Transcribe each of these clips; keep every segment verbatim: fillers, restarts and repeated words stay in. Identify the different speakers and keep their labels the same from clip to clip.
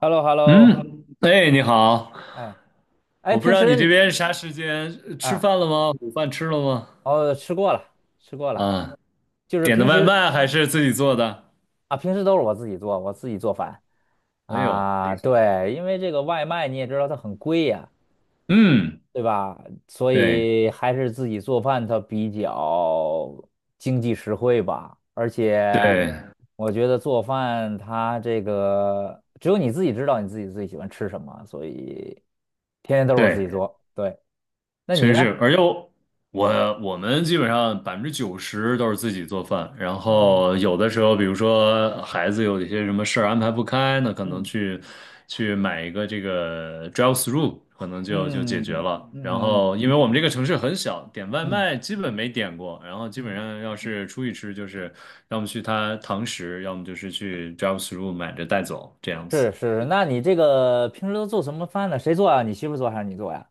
Speaker 1: h e l l o h e l l o
Speaker 2: 嗯，哎，你好，
Speaker 1: 哎哎，
Speaker 2: 我不知
Speaker 1: 平
Speaker 2: 道你这
Speaker 1: 时
Speaker 2: 边啥时间，呃吃
Speaker 1: 啊，
Speaker 2: 饭了吗？午饭吃了吗？
Speaker 1: 哦，吃过了，吃过了，
Speaker 2: 啊，
Speaker 1: 就是
Speaker 2: 点的
Speaker 1: 平
Speaker 2: 外
Speaker 1: 时
Speaker 2: 卖还是自己做的？
Speaker 1: 啊，平时都是我自己做，我自己做饭
Speaker 2: 哎呦，
Speaker 1: 啊，对，因为这个外卖你也知道它很贵呀，
Speaker 2: 嗯，
Speaker 1: 对吧？所
Speaker 2: 对
Speaker 1: 以还是自己做饭它比较经济实惠吧，而且
Speaker 2: 对
Speaker 1: 我觉得做饭它这个只有你自己知道你自己最喜欢吃什么，所以天天都是我自己
Speaker 2: 对，
Speaker 1: 做。对，那
Speaker 2: 确
Speaker 1: 你
Speaker 2: 实
Speaker 1: 呢？
Speaker 2: 是，而且我我我们基本上百分之九十都是自己做饭，然
Speaker 1: 嗯
Speaker 2: 后有的时候，比如说孩子有一些什么事儿安排不开，那可能
Speaker 1: 嗯。
Speaker 2: 去去买一个这个 drive through，可能就就解决
Speaker 1: 嗯
Speaker 2: 了。然
Speaker 1: 嗯嗯
Speaker 2: 后因为我们这个城市很小，点外
Speaker 1: 嗯，
Speaker 2: 卖基本没点过，然后基本
Speaker 1: 嗯
Speaker 2: 上要是出去吃，就是要么去他堂食，要么就是去 drive through 买着带走这样子。
Speaker 1: 是是是，那你这个平时都做什么饭呢？谁做啊？你媳妇做还是你做呀？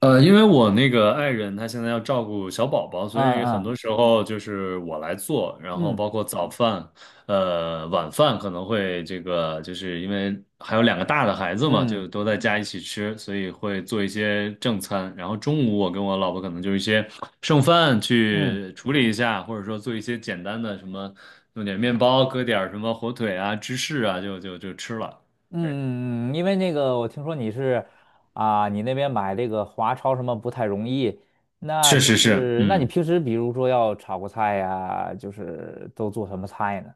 Speaker 2: 呃，因为我那个爱人她现在要照顾小宝宝，
Speaker 1: 嗯
Speaker 2: 所以很
Speaker 1: 嗯
Speaker 2: 多时候就是我来做，然后
Speaker 1: 嗯
Speaker 2: 包括早饭，呃，晚饭可能会这个，就是因为还有两个大的孩子嘛，
Speaker 1: 嗯
Speaker 2: 就都在家一起吃，所以会做一些正餐。然后中午
Speaker 1: 嗯
Speaker 2: 我跟我老婆可能就是一些剩饭
Speaker 1: 嗯
Speaker 2: 去处理一下，或者说做一些简单的什么，弄点面包，搁点儿什么火腿啊、芝士啊，就就就吃了。对，
Speaker 1: 嗯，嗯因为那个我听说你是啊，你那边买这个华超什么不太容易，那
Speaker 2: 确
Speaker 1: 就
Speaker 2: 实是，
Speaker 1: 是那你
Speaker 2: 嗯。
Speaker 1: 平时比如说要炒个菜呀，就是都做什么菜呢？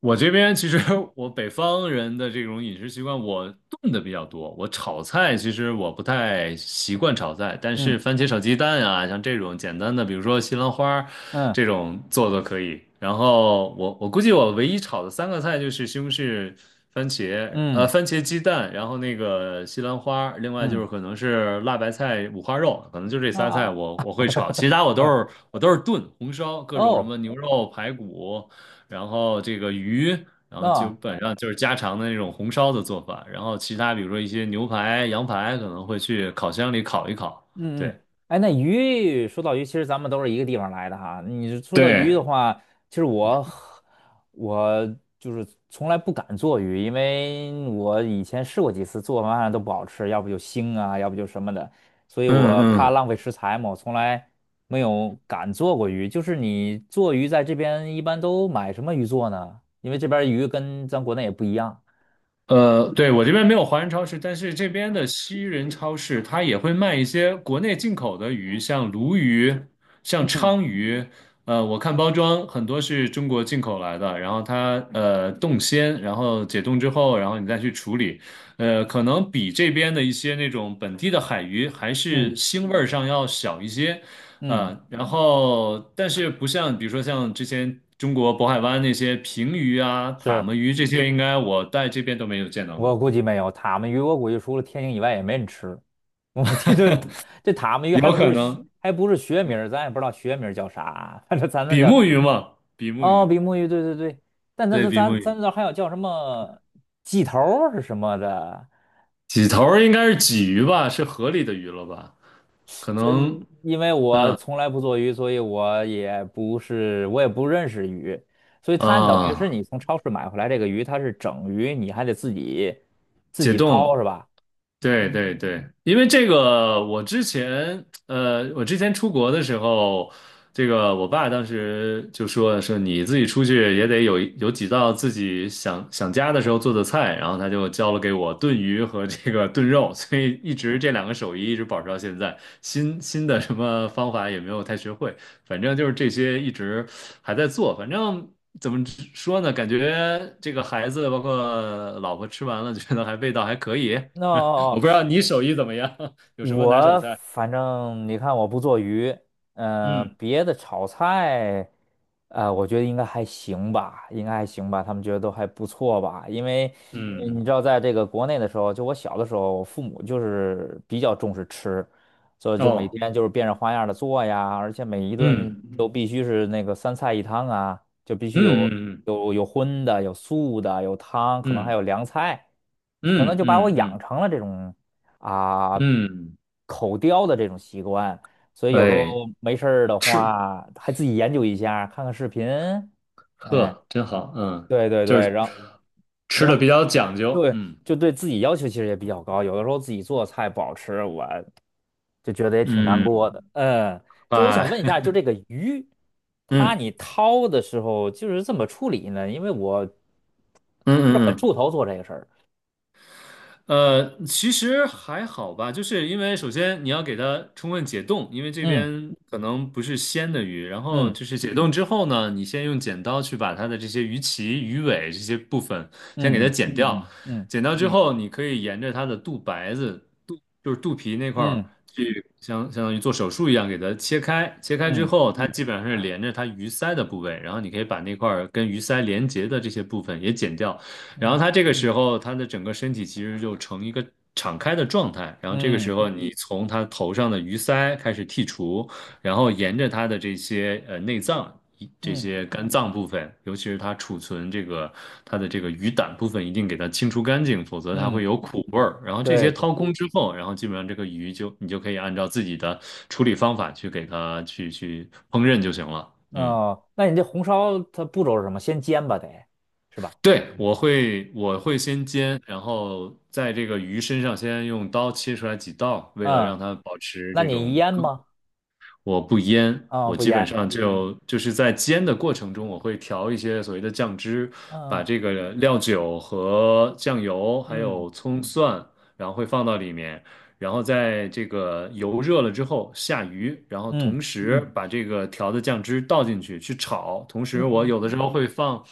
Speaker 2: 我这边其实我北方人的这种饮食习惯，我炖的比较多。我炒菜其实我不太习惯炒菜，但
Speaker 1: 嗯
Speaker 2: 是番茄炒鸡蛋啊，像这种简单的，比如说西兰花
Speaker 1: 嗯
Speaker 2: 这种做做可以。然后我我估计我唯一炒的三个菜就是西红柿、番茄，呃，
Speaker 1: 嗯
Speaker 2: 番茄鸡蛋，然后那个西兰花另外就
Speaker 1: 嗯
Speaker 2: 是可能是辣白菜、五花肉，可能就这
Speaker 1: 啊
Speaker 2: 仨菜我
Speaker 1: 啊
Speaker 2: 我会炒，其他我都
Speaker 1: 呃
Speaker 2: 是我都是炖、红烧，各种什
Speaker 1: 哦
Speaker 2: 么牛肉、排骨。然后这个鱼，然后基
Speaker 1: 那。
Speaker 2: 本上就是家常的那种红烧的做法，然后其他比如说一些牛排、羊排可能会去烤箱里烤一烤，
Speaker 1: 嗯
Speaker 2: 对。
Speaker 1: 嗯，哎，那鱼说到鱼，其实咱们都是一个地方来的哈。你说到鱼
Speaker 2: 对，
Speaker 1: 的话，其实我很我就是从来不敢做鱼，因为我以前试过几次，做完都不好吃，要不就腥啊，要不就什么的，所以我怕
Speaker 2: 嗯
Speaker 1: 浪费食材嘛，我从来没有敢做过鱼。就是你做鱼在这边一般都买什么鱼做呢？因为这边鱼跟咱国内也不一样。
Speaker 2: 呃，对，我这边没有华人超市，但是这边的西人超市它也会卖一些国内进口的鱼，像鲈鱼、像
Speaker 1: 嗯
Speaker 2: 鲳鱼。呃，我看包装很多是中国进口来的，然后它呃冻鲜，然后解冻之后，然后你再去处理，呃，可能比这边的一些那种本地的海鱼还是
Speaker 1: 嗯
Speaker 2: 腥味儿上要小一些，
Speaker 1: 嗯，
Speaker 2: 嗯，然后但是不像，比如说像之前中国渤海湾那些平鱼啊、塔
Speaker 1: 是。
Speaker 2: 目鱼这些，应该我在这边都没有见到
Speaker 1: 我
Speaker 2: 过。
Speaker 1: 估计没有塔目鱼，我估计除了天津以外也没人吃。我们这这这塔目鱼还
Speaker 2: 有
Speaker 1: 不
Speaker 2: 可
Speaker 1: 是学
Speaker 2: 能
Speaker 1: 还不是学名儿咱也不知道学名儿叫啥，反正咱那
Speaker 2: 比
Speaker 1: 叫
Speaker 2: 目
Speaker 1: 塔，
Speaker 2: 鱼嘛，比目
Speaker 1: 哦，
Speaker 2: 鱼，
Speaker 1: 比目鱼，对对对。但咱
Speaker 2: 对，
Speaker 1: 咱
Speaker 2: 比目
Speaker 1: 咱
Speaker 2: 鱼，
Speaker 1: 咱这还有叫什么鸡头儿是什么的？
Speaker 2: 几头儿应该是鲫鱼吧，是河里的鱼了吧？可
Speaker 1: 这
Speaker 2: 能
Speaker 1: 因为我从来不做鱼，所以我也不是我也不认识鱼，所以它等于是
Speaker 2: 啊，
Speaker 1: 你从超市买回来这个鱼，它是整鱼，你还得自己自
Speaker 2: 解
Speaker 1: 己抛
Speaker 2: 冻
Speaker 1: 是吧？
Speaker 2: 对对对，因为这个，我之前呃，我之前出国的时候，这个我爸当时就说说你自己出去也得有有几道自己想想家的时候做的菜，然后他就教了给我炖鱼和这个炖肉，所以一直这两个手艺一直保持到现在，新新的什么方法也没有太学会。反正就是这些一直还在做，反正怎么说呢？感觉这个孩子包括老婆吃完了，觉得还味道还可以。我
Speaker 1: 那
Speaker 2: 不知道你手艺怎么样，有什么拿手
Speaker 1: 我
Speaker 2: 菜？
Speaker 1: 反正你看，我不做鱼，嗯、
Speaker 2: 嗯
Speaker 1: 别的炒菜，呃，我觉得应该还行吧，应该还行吧，他们觉得都还不错吧，因为呃
Speaker 2: 嗯
Speaker 1: 你知道，在这个国内的时候，就我小的时候，我父母就是比较重视吃，所以就每
Speaker 2: 哦
Speaker 1: 天就是变着花样的做呀，而且每一顿
Speaker 2: 嗯
Speaker 1: 都必须是那个三菜一汤啊，就必须
Speaker 2: 嗯
Speaker 1: 有
Speaker 2: 嗯
Speaker 1: 有有荤的，有素的，有汤，可能还
Speaker 2: 嗯
Speaker 1: 有凉菜，可能
Speaker 2: 嗯
Speaker 1: 就把我
Speaker 2: 嗯
Speaker 1: 养
Speaker 2: 嗯
Speaker 1: 成了这种。啊、
Speaker 2: 嗯，
Speaker 1: 口叼的这种习惯，所以有时候
Speaker 2: 嗯哎，
Speaker 1: 没事儿的
Speaker 2: 吃
Speaker 1: 话，还自己研究一下，看看视频。哎，
Speaker 2: 呵真好，嗯，
Speaker 1: 对对
Speaker 2: 就
Speaker 1: 对，
Speaker 2: 是
Speaker 1: 然后
Speaker 2: 吃
Speaker 1: 然
Speaker 2: 的
Speaker 1: 后
Speaker 2: 比较讲究，
Speaker 1: 对，
Speaker 2: 嗯
Speaker 1: 就对自己要求其实也比较高，有的时候自己做菜不好吃，我就觉得也挺难
Speaker 2: 嗯，
Speaker 1: 过的。嗯，就我想问一下，
Speaker 2: 哎，
Speaker 1: 就这个鱼，它
Speaker 2: 嗯
Speaker 1: 你掏的时候就是怎么处理呢？因为我是
Speaker 2: 嗯
Speaker 1: 很
Speaker 2: 嗯嗯。
Speaker 1: 怵头做这个事儿。
Speaker 2: 呃，其实还好吧，就是因为首先你要给它充分解冻，因为这
Speaker 1: 嗯
Speaker 2: 边可能不是鲜的鱼，然后
Speaker 1: 嗯
Speaker 2: 就是解冻之后呢，你先用剪刀去把它的这些鱼鳍、鱼尾这些部分先给它
Speaker 1: 嗯
Speaker 2: 剪掉，嗯
Speaker 1: 嗯
Speaker 2: 剪掉之嗯后，你可以沿着它的肚白子、肚就是肚皮那块儿
Speaker 1: 嗯
Speaker 2: 去相相当于做手术一样给它切开，切开
Speaker 1: 嗯
Speaker 2: 之
Speaker 1: 嗯
Speaker 2: 后，它嗯基本上是连着它鱼鳃的部位，然后你可以把那块儿跟鱼鳃连接的这些部分也剪掉。然后
Speaker 1: 嗯。
Speaker 2: 他这个时候他的整个身体其实就呈一个敞开的状态，然后这个时
Speaker 1: 嗯
Speaker 2: 候你嗯从他头上的鱼鳃开始剔除，然后沿着他的这些呃内脏。一这
Speaker 1: 嗯
Speaker 2: 些肝脏部分，尤其是它储存这个它的这个鱼胆部分，一定给它清除干净，否则它会
Speaker 1: 嗯，
Speaker 2: 有苦味儿。然后这
Speaker 1: 对
Speaker 2: 些
Speaker 1: 对，
Speaker 2: 掏空嗯之后，然后基本上这个鱼就你就可以按照自己的处理方法去给它去去烹饪就行了。嗯。
Speaker 1: 哦，那你这红烧它步骤是什么？先煎吧，得是吧？
Speaker 2: 对，我会我会先煎，然后在这个鱼身上先用刀切出来几道，为了让
Speaker 1: 嗯，
Speaker 2: 它保持
Speaker 1: 那
Speaker 2: 这
Speaker 1: 你
Speaker 2: 种。
Speaker 1: 腌吗？
Speaker 2: 我不腌，
Speaker 1: 啊、
Speaker 2: 我
Speaker 1: 不
Speaker 2: 基本
Speaker 1: 腌。
Speaker 2: 上就就是在煎的过程中，我会调一些所谓的酱汁，把
Speaker 1: 嗯
Speaker 2: 这个料酒和酱油还
Speaker 1: 嗯
Speaker 2: 有葱蒜，然后会放到里面，然后在这个油热了之后下鱼，然后
Speaker 1: 嗯
Speaker 2: 同时把这个调的酱汁倒进去去炒，同
Speaker 1: 嗯
Speaker 2: 时我
Speaker 1: 嗯
Speaker 2: 有的时候会放。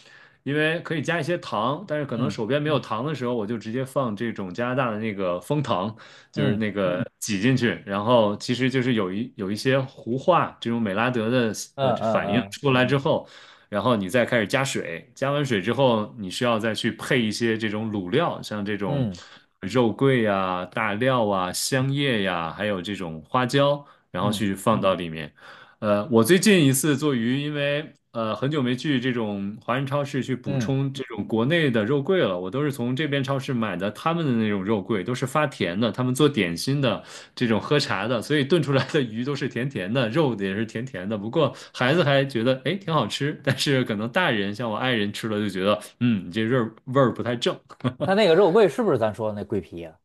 Speaker 2: 因为可以加一些糖，但是可能
Speaker 1: 嗯
Speaker 2: 手边没有糖的时候，我就直接放这种加拿大的那个枫糖，就是
Speaker 1: 嗯
Speaker 2: 那个挤进去，然后其实就是有一有一些糊化这种美拉德的呃反应嗯
Speaker 1: 嗯
Speaker 2: 出来之后，然后你再开始加水，加完水之后，你需要再去配一些这种卤料，像这种
Speaker 1: 嗯嗯
Speaker 2: 肉桂呀、大料啊、香叶呀，还有这种花椒，然后
Speaker 1: 嗯
Speaker 2: 去放到嗯里面。呃，我最近一次做鱼，因为呃很久没去这种华人超市去补
Speaker 1: 嗯，
Speaker 2: 充这种国内的肉桂了，我都是从这边超市买的他们的那种肉桂，都是发甜的，他们做点心的，这种喝茶的，所以炖出来的鱼都是甜甜的，肉也是甜甜的。不过孩子还觉得哎挺好吃，但是可能大人像我爱人吃了就觉得嗯你这味儿味儿不太正。
Speaker 1: 它那个肉桂是不是咱说的那桂皮呀？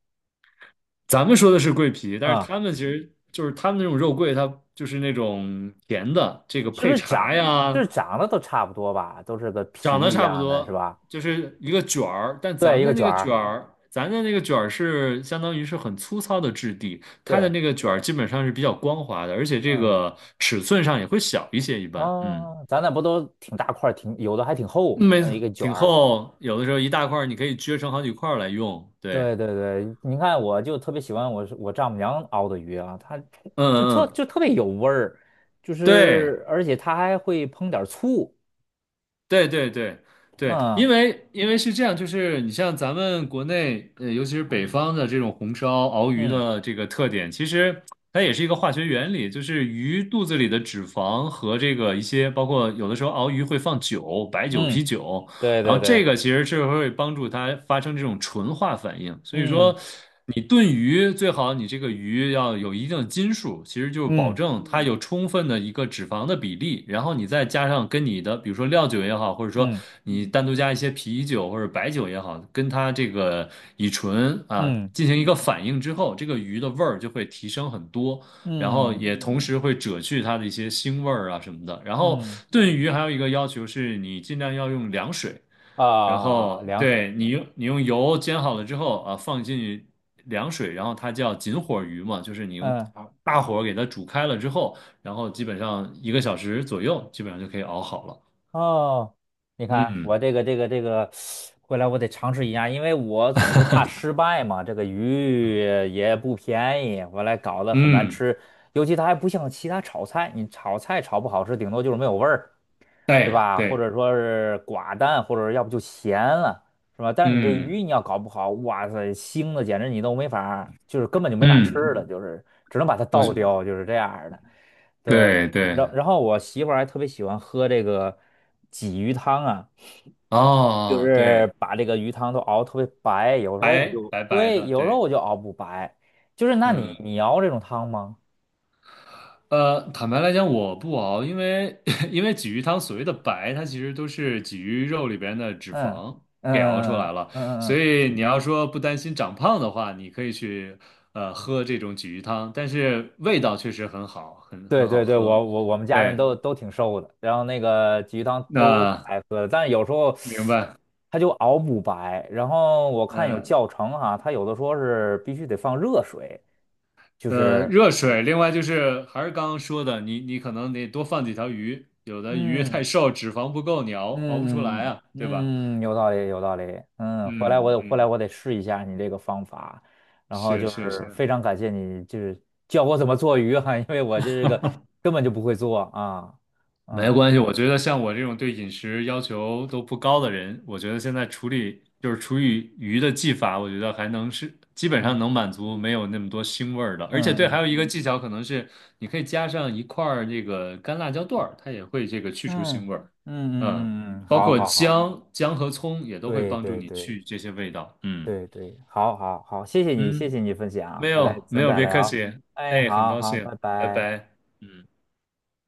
Speaker 2: 咱们说的是桂皮，但是
Speaker 1: 嗯，
Speaker 2: 他们其实就是他们那种肉桂，它就是那种甜的，这个
Speaker 1: 是不
Speaker 2: 配
Speaker 1: 是长，
Speaker 2: 茶
Speaker 1: 就是
Speaker 2: 呀，
Speaker 1: 长得都差不多吧？都是个皮
Speaker 2: 长得
Speaker 1: 一
Speaker 2: 差不
Speaker 1: 样的，是
Speaker 2: 多，
Speaker 1: 吧？
Speaker 2: 就是一个卷儿，但咱
Speaker 1: 对，
Speaker 2: 们
Speaker 1: 一个
Speaker 2: 的那
Speaker 1: 卷
Speaker 2: 个卷
Speaker 1: 儿。
Speaker 2: 儿，咱的那个卷儿是相当于是很粗糙的质地，它的
Speaker 1: 对，
Speaker 2: 那个卷儿基本上是比较光滑的，而且这
Speaker 1: 嗯，
Speaker 2: 个尺寸上也会小一些，一般，嗯，
Speaker 1: 哦，咱那不都挺大块儿，挺有的还挺厚，
Speaker 2: 没，
Speaker 1: 呃一
Speaker 2: 错，
Speaker 1: 个卷
Speaker 2: 挺
Speaker 1: 儿。
Speaker 2: 厚，有的时候一大块儿你可以撅成好几块儿来用，对，
Speaker 1: 对对对，你看，我就特别喜欢我是我丈母娘熬的鱼啊，它
Speaker 2: 嗯
Speaker 1: 就
Speaker 2: 嗯
Speaker 1: 特
Speaker 2: 嗯，
Speaker 1: 就特别有味儿，就
Speaker 2: 对。
Speaker 1: 是而且它还会烹点儿醋，
Speaker 2: 对对对对，因
Speaker 1: 嗯
Speaker 2: 为因为是这样，就是你像咱们国内，呃，尤其是北方的这种红烧熬鱼
Speaker 1: 嗯
Speaker 2: 的这个特点，其实它也是一个化学原理，就是鱼肚子里的脂肪和这个一些，包括有的时候熬鱼会放酒、白酒、啤
Speaker 1: 嗯，
Speaker 2: 酒，
Speaker 1: 对
Speaker 2: 然
Speaker 1: 对
Speaker 2: 后这
Speaker 1: 对，
Speaker 2: 个其实是会帮助它发生这种纯化反应。所以说，
Speaker 1: 嗯
Speaker 2: 你炖鱼最好你这个鱼要有一定的斤数，其实就是保
Speaker 1: 嗯
Speaker 2: 证它有充分的一个脂肪的比例，然后你再加上跟你的，比如说料酒也好，或者说
Speaker 1: 嗯
Speaker 2: 你单独加一些啤酒或者白酒也好，跟它这个乙醇啊
Speaker 1: 嗯
Speaker 2: 进行一个反应之后，这个鱼的味儿就会提升很多。然后
Speaker 1: 嗯
Speaker 2: 也同时会遮去它的一些腥味儿啊什么的。然
Speaker 1: 嗯
Speaker 2: 后
Speaker 1: 嗯
Speaker 2: 炖鱼还有一个要求是你尽量要用凉水，
Speaker 1: 啊，啊
Speaker 2: 然
Speaker 1: 啊啊
Speaker 2: 后
Speaker 1: 凉水，
Speaker 2: 对你用你用油煎好了之后啊，放进凉水，然后它叫紧火鱼嘛，就是你用
Speaker 1: 嗯。
Speaker 2: 大大火给它煮开了之后，然后基本上一个小时左右，基本上就可以熬好了。
Speaker 1: 哦，你看我
Speaker 2: 嗯
Speaker 1: 这个这个这个，回来我得尝试一下，因为我总是怕失败嘛。这个鱼也不便宜，回来搞得很难
Speaker 2: 嗯，
Speaker 1: 吃，尤其它还不像其他炒菜，你炒菜炒不好吃，顶多就是没有味儿，对
Speaker 2: 对
Speaker 1: 吧？或
Speaker 2: 对，
Speaker 1: 者说是寡淡，或者要不就咸了，是吧？但是你这
Speaker 2: 嗯
Speaker 1: 鱼你要搞不好，哇塞，腥的简直你都没法儿就是根本就没法吃
Speaker 2: 嗯，
Speaker 1: 了，就是只能把它倒
Speaker 2: 我
Speaker 1: 掉，就是这样儿的。对，
Speaker 2: 对对，
Speaker 1: 然然后我媳妇儿还特别喜欢喝这个鲫鱼汤啊，就
Speaker 2: 哦对，
Speaker 1: 是把这个鱼汤都熬特别白，有时候我
Speaker 2: 白
Speaker 1: 就
Speaker 2: 白白
Speaker 1: 对，
Speaker 2: 的，
Speaker 1: 有时候
Speaker 2: 对，
Speaker 1: 我就熬不白，就是那你
Speaker 2: 嗯。
Speaker 1: 你熬这种汤吗？
Speaker 2: 呃，坦白来讲，我不熬，因为 因为鲫鱼汤所谓的白，它其实都是鲫鱼肉里边的脂
Speaker 1: 嗯
Speaker 2: 肪
Speaker 1: 嗯
Speaker 2: 给熬出
Speaker 1: 嗯
Speaker 2: 来
Speaker 1: 嗯
Speaker 2: 了，
Speaker 1: 嗯嗯
Speaker 2: 所
Speaker 1: 嗯，
Speaker 2: 以你要说不担心长胖的话，你可以去呃喝这种鲫鱼汤，但是味道确实很好，很
Speaker 1: 对
Speaker 2: 很好
Speaker 1: 对对，
Speaker 2: 喝。
Speaker 1: 我我我们家人
Speaker 2: 对，
Speaker 1: 都都挺瘦的，然后那个鲫鱼汤都挺
Speaker 2: 那
Speaker 1: 爱喝的，但是有时候
Speaker 2: 明白。
Speaker 1: 它就熬不白，然后我看有
Speaker 2: 呃
Speaker 1: 教程哈、它有的说是必须得放热水，就
Speaker 2: 呃，
Speaker 1: 是
Speaker 2: 热水，另外就是还是刚刚说的，你你可能得多放几条鱼，有的鱼太
Speaker 1: 嗯。
Speaker 2: 瘦，脂肪不够，你熬熬不出
Speaker 1: 嗯
Speaker 2: 来
Speaker 1: 嗯
Speaker 2: 啊，对吧？
Speaker 1: 嗯，有道理，有道理。嗯，回来我
Speaker 2: 嗯
Speaker 1: 得回来
Speaker 2: 嗯，
Speaker 1: 我得试一下你这个方法，然后
Speaker 2: 是
Speaker 1: 就
Speaker 2: 是
Speaker 1: 是
Speaker 2: 是。
Speaker 1: 非常感谢你，就是教我怎么做鱼哈，因为我这个根本就不会做啊。
Speaker 2: 没
Speaker 1: 嗯
Speaker 2: 关系，我觉得像我这种对饮食要求都不高的人，我觉得现在处理就是处理鱼的技法，我觉得还能是基本上
Speaker 1: 嗯
Speaker 2: 能满足没有那么多腥味儿的。而且
Speaker 1: 嗯
Speaker 2: 对，还
Speaker 1: 嗯
Speaker 2: 有一个技巧可能是你可以加上一块儿这个干辣椒段儿，它也会这个去除腥
Speaker 1: 嗯
Speaker 2: 味儿。
Speaker 1: 嗯
Speaker 2: 嗯，
Speaker 1: 嗯嗯，嗯
Speaker 2: 包
Speaker 1: 好
Speaker 2: 括
Speaker 1: 好好，
Speaker 2: 姜、姜和葱也都会
Speaker 1: 对
Speaker 2: 帮助
Speaker 1: 对
Speaker 2: 你
Speaker 1: 对
Speaker 2: 去这些味道。嗯
Speaker 1: 对对，好好好，谢谢你，谢
Speaker 2: 嗯，
Speaker 1: 谢你分享，
Speaker 2: 没
Speaker 1: 回来
Speaker 2: 有没
Speaker 1: 咱
Speaker 2: 有，
Speaker 1: 再
Speaker 2: 别客
Speaker 1: 聊。
Speaker 2: 气。
Speaker 1: 哎，
Speaker 2: 哎，很
Speaker 1: 好
Speaker 2: 高
Speaker 1: 好，拜
Speaker 2: 兴，拜
Speaker 1: 拜。
Speaker 2: 拜。嗯。